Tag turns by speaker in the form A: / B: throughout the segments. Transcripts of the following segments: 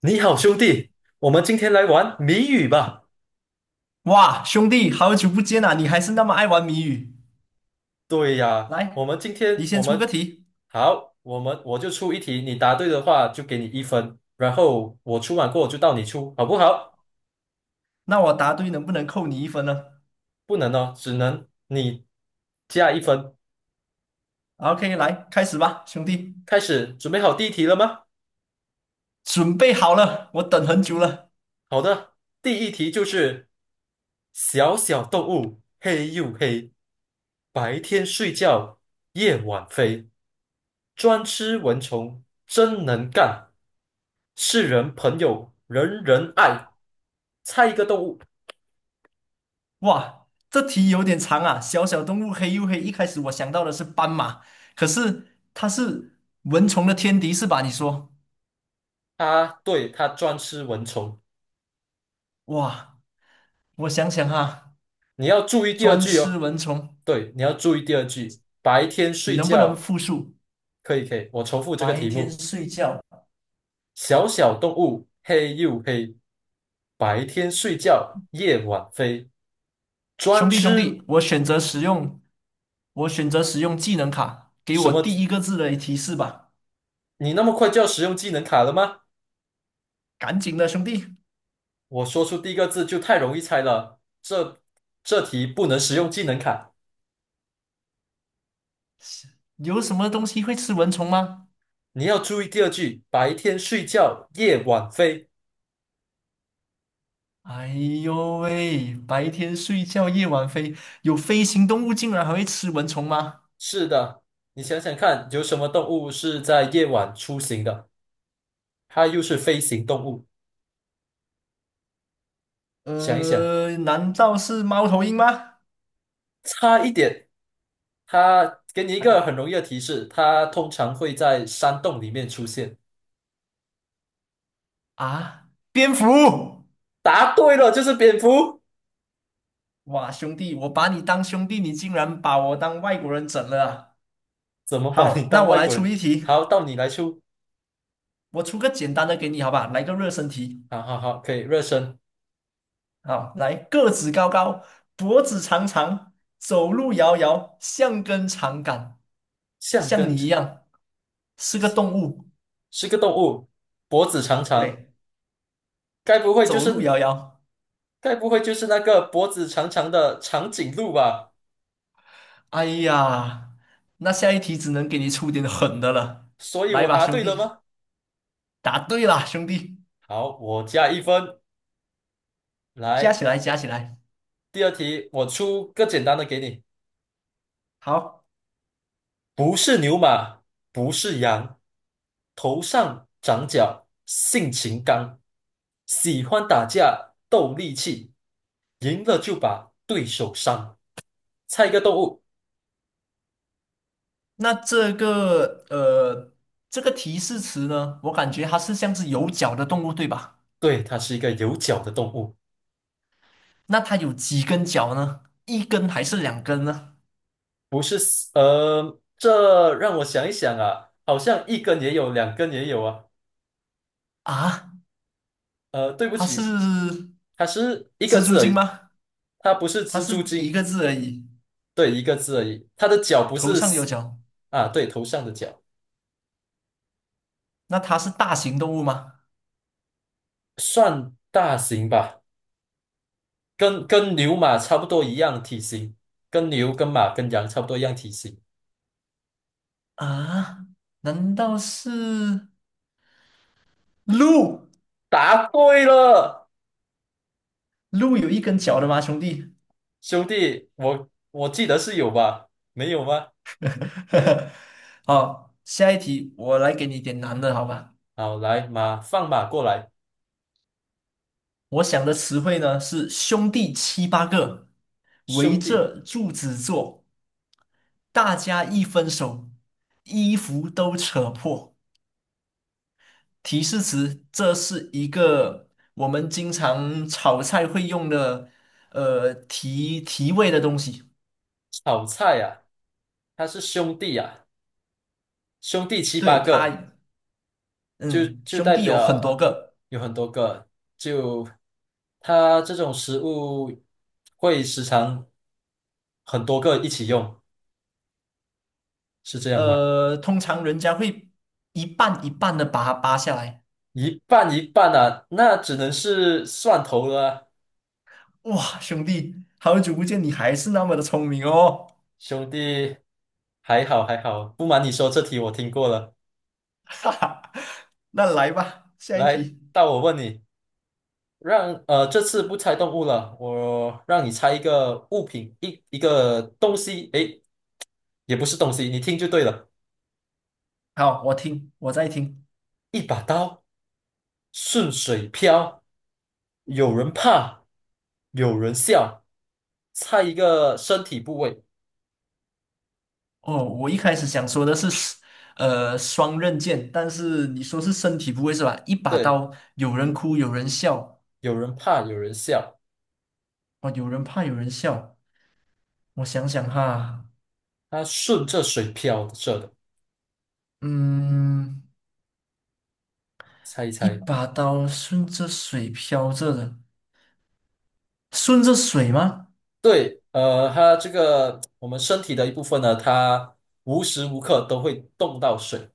A: 你好，兄弟，我们今天来玩谜语吧。
B: 哇，兄弟，好久不见啊！你还是那么爱玩谜语。
A: 对呀，我
B: 来，
A: 们今
B: 你
A: 天我
B: 先出个
A: 们
B: 题，
A: 好，我就出一题，你答对的话就给你一分，然后我出完过后就到你出，好不好？
B: 那我答对能不能扣你一分呢
A: 不能哦，只能你加一分。
B: ？OK，来，开始吧，兄弟，
A: 开始，准备好第一题了吗？
B: 准备好了，我等很久了。
A: 好的，第一题就是小小动物，黑又黑，白天睡觉，夜晚飞。专吃蚊虫，真能干，世人朋友人人爱。猜一个动物，
B: 哇，这题有点长啊。小小动物黑又黑，一开始我想到的是斑马，可是它是蚊虫的天敌是吧？你说，
A: 它对它专吃蚊虫，
B: 哇，我想想哈，
A: 你要注意第二
B: 专
A: 句
B: 吃
A: 哦。
B: 蚊虫，
A: 对，你要注意第二句。白天
B: 你
A: 睡
B: 能不能
A: 觉。
B: 复述？
A: 可以可以，我重复这个
B: 白
A: 题
B: 天
A: 目：
B: 睡觉，
A: 小小动物黑又黑，白天睡觉夜晚飞，专
B: 兄弟兄
A: 吃
B: 弟，我选择使用。我选择使用技能卡，给
A: 什
B: 我
A: 么？
B: 第一个字的提示吧。
A: 你那么快就要使用技能卡了吗？
B: 赶紧的，兄弟，
A: 我说出第一个字就太容易猜了，这题不能使用技能卡。
B: 有什么东西会吃蚊虫吗？
A: 你要注意第二句，白天睡觉，夜晚飞。
B: 哎呦喂，白天睡觉，夜晚飞，有飞行动物竟然还会吃蚊虫吗？
A: 是的，你想想看，有什么动物是在夜晚出行的？它又是飞行动物。想一想，
B: 难道是猫头鹰吗？
A: 差一点。它给你一
B: 哎
A: 个很容易的提示，它通常会在山洞里面出现。
B: 啊，蝙蝠！
A: 答对了，就是蝙蝠。
B: 哇，兄弟，我把你当兄弟，你竟然把我当外国人整了啊。
A: 怎么把你
B: 好，那
A: 当
B: 我
A: 外
B: 来
A: 国
B: 出
A: 人？
B: 一题，
A: 好，到你来出。
B: 我出个简单的给你，好吧？来个热身题。
A: 好好好，可以热身。
B: 好，来，个子高高，脖子长长，走路摇摇，像根长杆，
A: 橡
B: 像
A: 跟
B: 你一样是个动物。
A: 是个动物，脖子长长，
B: 对，
A: 该不会就
B: 走路
A: 是
B: 摇摇。
A: 那个脖子长长的长颈鹿吧？
B: 哎呀，那下一题只能给你出点狠的了。
A: 所以
B: 来
A: 我
B: 吧，
A: 答
B: 兄
A: 对了
B: 弟，
A: 吗？
B: 答对啦，兄弟，
A: 好，我加一分。
B: 加
A: 来，
B: 起来，加起来。
A: 第二题，我出个简单的给你，
B: 好，
A: 不是牛马，不是羊，头上长角，性情刚，喜欢打架，斗力气，赢了就把对手伤。猜一个动物，
B: 那这个这个提示词呢，我感觉它是像是有脚的动物，对吧？
A: 对，它是一个有角的动物。
B: 那它有几根脚呢？一根还是两根呢？
A: 不是四呃，这让我想一想啊，好像一根也有，两根也有啊。
B: 啊？
A: 对不
B: 它是
A: 起，它是一个
B: 蜘蛛
A: 字而
B: 精
A: 已，
B: 吗？
A: 它不是
B: 它
A: 蜘
B: 是
A: 蛛
B: 一
A: 精，
B: 个字而已，
A: 对，一个字而已。它的脚不
B: 头
A: 是
B: 上有
A: 四
B: 角。
A: 啊，对，头上的角
B: 那它是大型动物吗？
A: 算大型吧，跟牛马差不多一样体型，跟牛、跟马、跟羊差不多一样体型。
B: 啊，难道是鹿？
A: 答对了，
B: 鹿有一根脚的吗，兄弟？
A: 兄弟，我记得是有吧？没有吗？
B: 好，下一题我来给你点难的，好吧？
A: 好，来马放马过来，
B: 我想的词汇呢是兄弟七八个，围
A: 兄弟，
B: 着柱子坐，大家一分手，衣服都扯破。提示词，这是一个我们经常炒菜会用的，提提味的东西。
A: 炒菜啊。他是兄弟啊，兄弟七八
B: 对，它，
A: 个，就
B: 嗯，
A: 就
B: 兄
A: 代
B: 弟有很多
A: 表
B: 个，
A: 有很多个。就他这种食物会时常很多个一起用，是这样吗？
B: 通常人家会一半一半的把它扒下来。
A: 一半一半啊，那只能是蒜头了啊
B: 哇，兄弟，好久不见，你还是那么的聪明哦，
A: 兄弟，还好还好，不瞒你说，这题我听过了。
B: 哈哈。那来吧，下一
A: 来，
B: 题。
A: 到我问你，让这次不猜动物了，我让你猜一个物品，一个东西，诶，也不是东西，你听就对了。
B: 好，我听，我在听。
A: 一把刀顺水漂，有人怕，有人笑。猜一个身体部位，
B: 哦，我一开始想说的是，双刃剑，但是你说是身体部位是吧？一把
A: 对，
B: 刀，有人哭，有人笑，
A: 有人怕，有人笑。
B: 哦，有人怕，有人笑。我想想哈，
A: 它顺着水漂着的，
B: 嗯，
A: 猜一
B: 一
A: 猜。
B: 把刀顺着水飘着的，顺着水吗？
A: 对，它这个我们身体的一部分呢，它无时无刻都会动到水，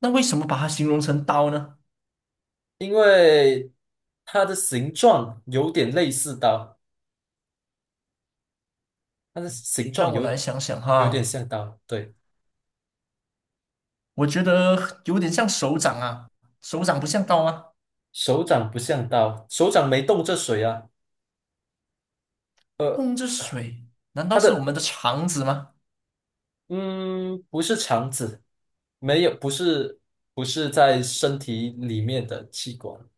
B: 那为什么把它形容成刀呢？
A: 因为它的形状有点类似刀，它的形状
B: 让我来
A: 有
B: 想想
A: 有点
B: 哈，
A: 像刀，对，
B: 我觉得有点像手掌啊，手掌不像刀吗？
A: 手掌不像刀，手掌没动这水啊，
B: 碰着水，难道
A: 它
B: 是我
A: 的
B: 们的肠子吗？
A: 嗯，不是肠子，没有，不是在身体里面的器官。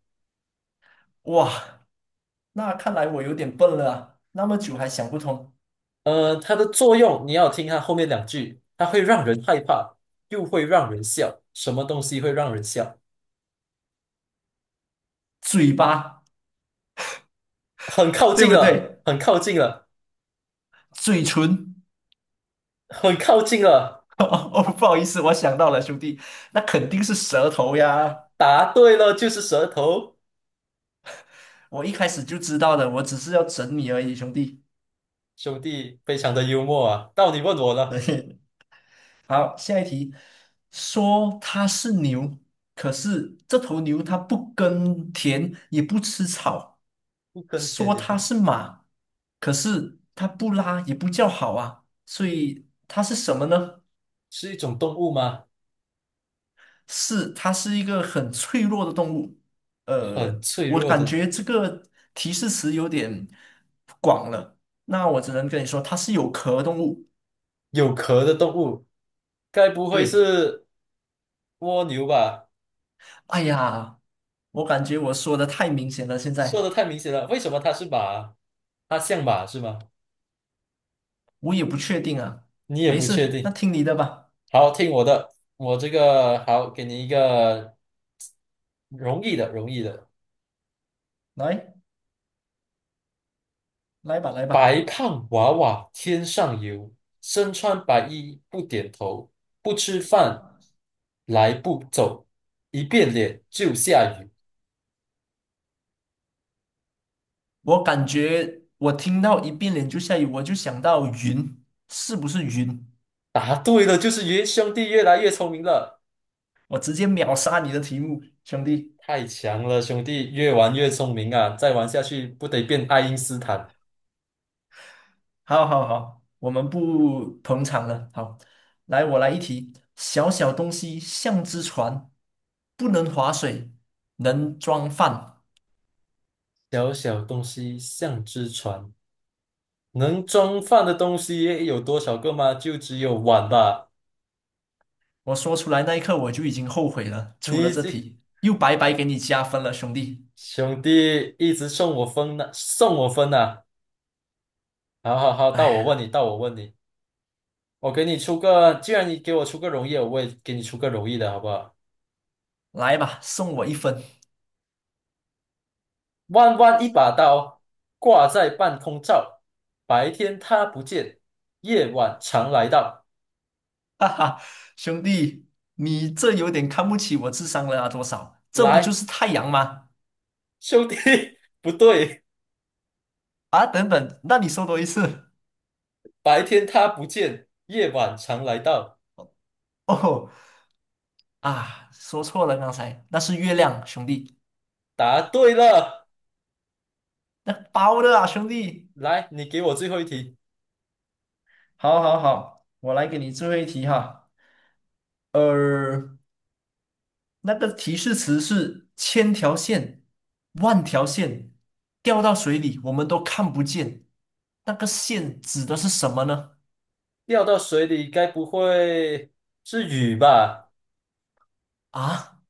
B: 哇，那看来我有点笨了啊那么久还想不通。
A: 它的作用你要听它后面两句，它会让人害怕，又会让人笑。什么东西会让人笑？
B: 嘴巴，
A: 很靠
B: 对
A: 近
B: 不
A: 了，
B: 对？
A: 很靠近了，
B: 嘴唇。
A: 很靠近了。
B: 哦，不好意思，我想到了，兄弟，那肯定是舌头呀。
A: 答对了，就是舌头。
B: 我一开始就知道的，我只是要整你而已，兄弟。
A: 兄弟，非常的幽默啊！到你问我 了，
B: 对，好，下一题，说它是牛，可是这头牛它不耕田，也不吃草；
A: 不耕田
B: 说
A: 也不
B: 它是马，可是它不拉也不叫好啊，所以它是什么呢？
A: 是一种动物吗？
B: 是，它是一个很脆弱的动物。
A: 很脆
B: 我
A: 弱
B: 感
A: 的，
B: 觉这个提示词有点广了，那我只能跟你说，它是有壳动物。
A: 有壳的动物，该不会
B: 对，
A: 是？蜗牛吧，
B: 哎呀，我感觉我说的太明显了，现
A: 说的
B: 在
A: 太明显了。为什么它是马？它像马是吗？
B: 我也不确定啊。
A: 你也
B: 没
A: 不确
B: 事，那
A: 定。
B: 听你的吧，
A: 好，听我的，我这个好，给你一个容易的，容易的。
B: 来，来吧，来吧。
A: 白胖娃娃天上游，身穿白衣不点头，不吃饭来不走，一变脸就下雨。
B: 我感觉我听到一变脸就下雨，我就想到云，是不是云？
A: 答对了，就是云。兄弟越来越聪明了，
B: 我直接秒杀你的题目，兄弟。
A: 太强了，兄弟越玩越聪明啊！再玩下去不得变爱因斯坦。
B: 好好好，我们不捧场了。好，来，我来一题：小小东西像只船，不能划水，能装饭。
A: 小小东西像只船，能装饭的东西有多少个吗？就只有碗吧。
B: 我说出来那一刻，我就已经后悔了，出了
A: 你
B: 这
A: 这
B: 题，又白白给你加分了，兄弟。
A: 兄弟一直送我分呢，送我分呢。好好好，
B: 哎
A: 到我问你，
B: 呀，
A: 到我问你，我给你出个，既然你给我出个容易的我也给你出个容易的，好不好？
B: 来吧，送我一分，
A: 弯弯一把刀，挂在半空照，白天它不见，夜晚常来到。
B: 哈哈，兄弟，你这有点看不起我智商了啊？多少？这不就
A: 来，
B: 是太阳吗？
A: 兄弟，不对，
B: 啊，等等，那你说多一次。
A: 白天它不见，夜晚常来到。
B: 哦啊，说错了，刚才那是月亮，兄弟。
A: 答对了，
B: 那包的啊，兄弟，
A: 来，你给我最后一题。
B: 好，好，好，我来给你最后一题哈。呃，那个提示词是千条线、万条线，掉到水里我们都看不见。那个线指的是什么呢？
A: 掉到水里该不会是雨吧？
B: 啊，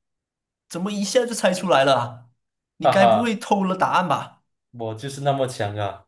B: 怎么一下就猜出来了啊你
A: 哈
B: 该不会
A: 哈，
B: 偷了答案吧？
A: 我就是那么强啊！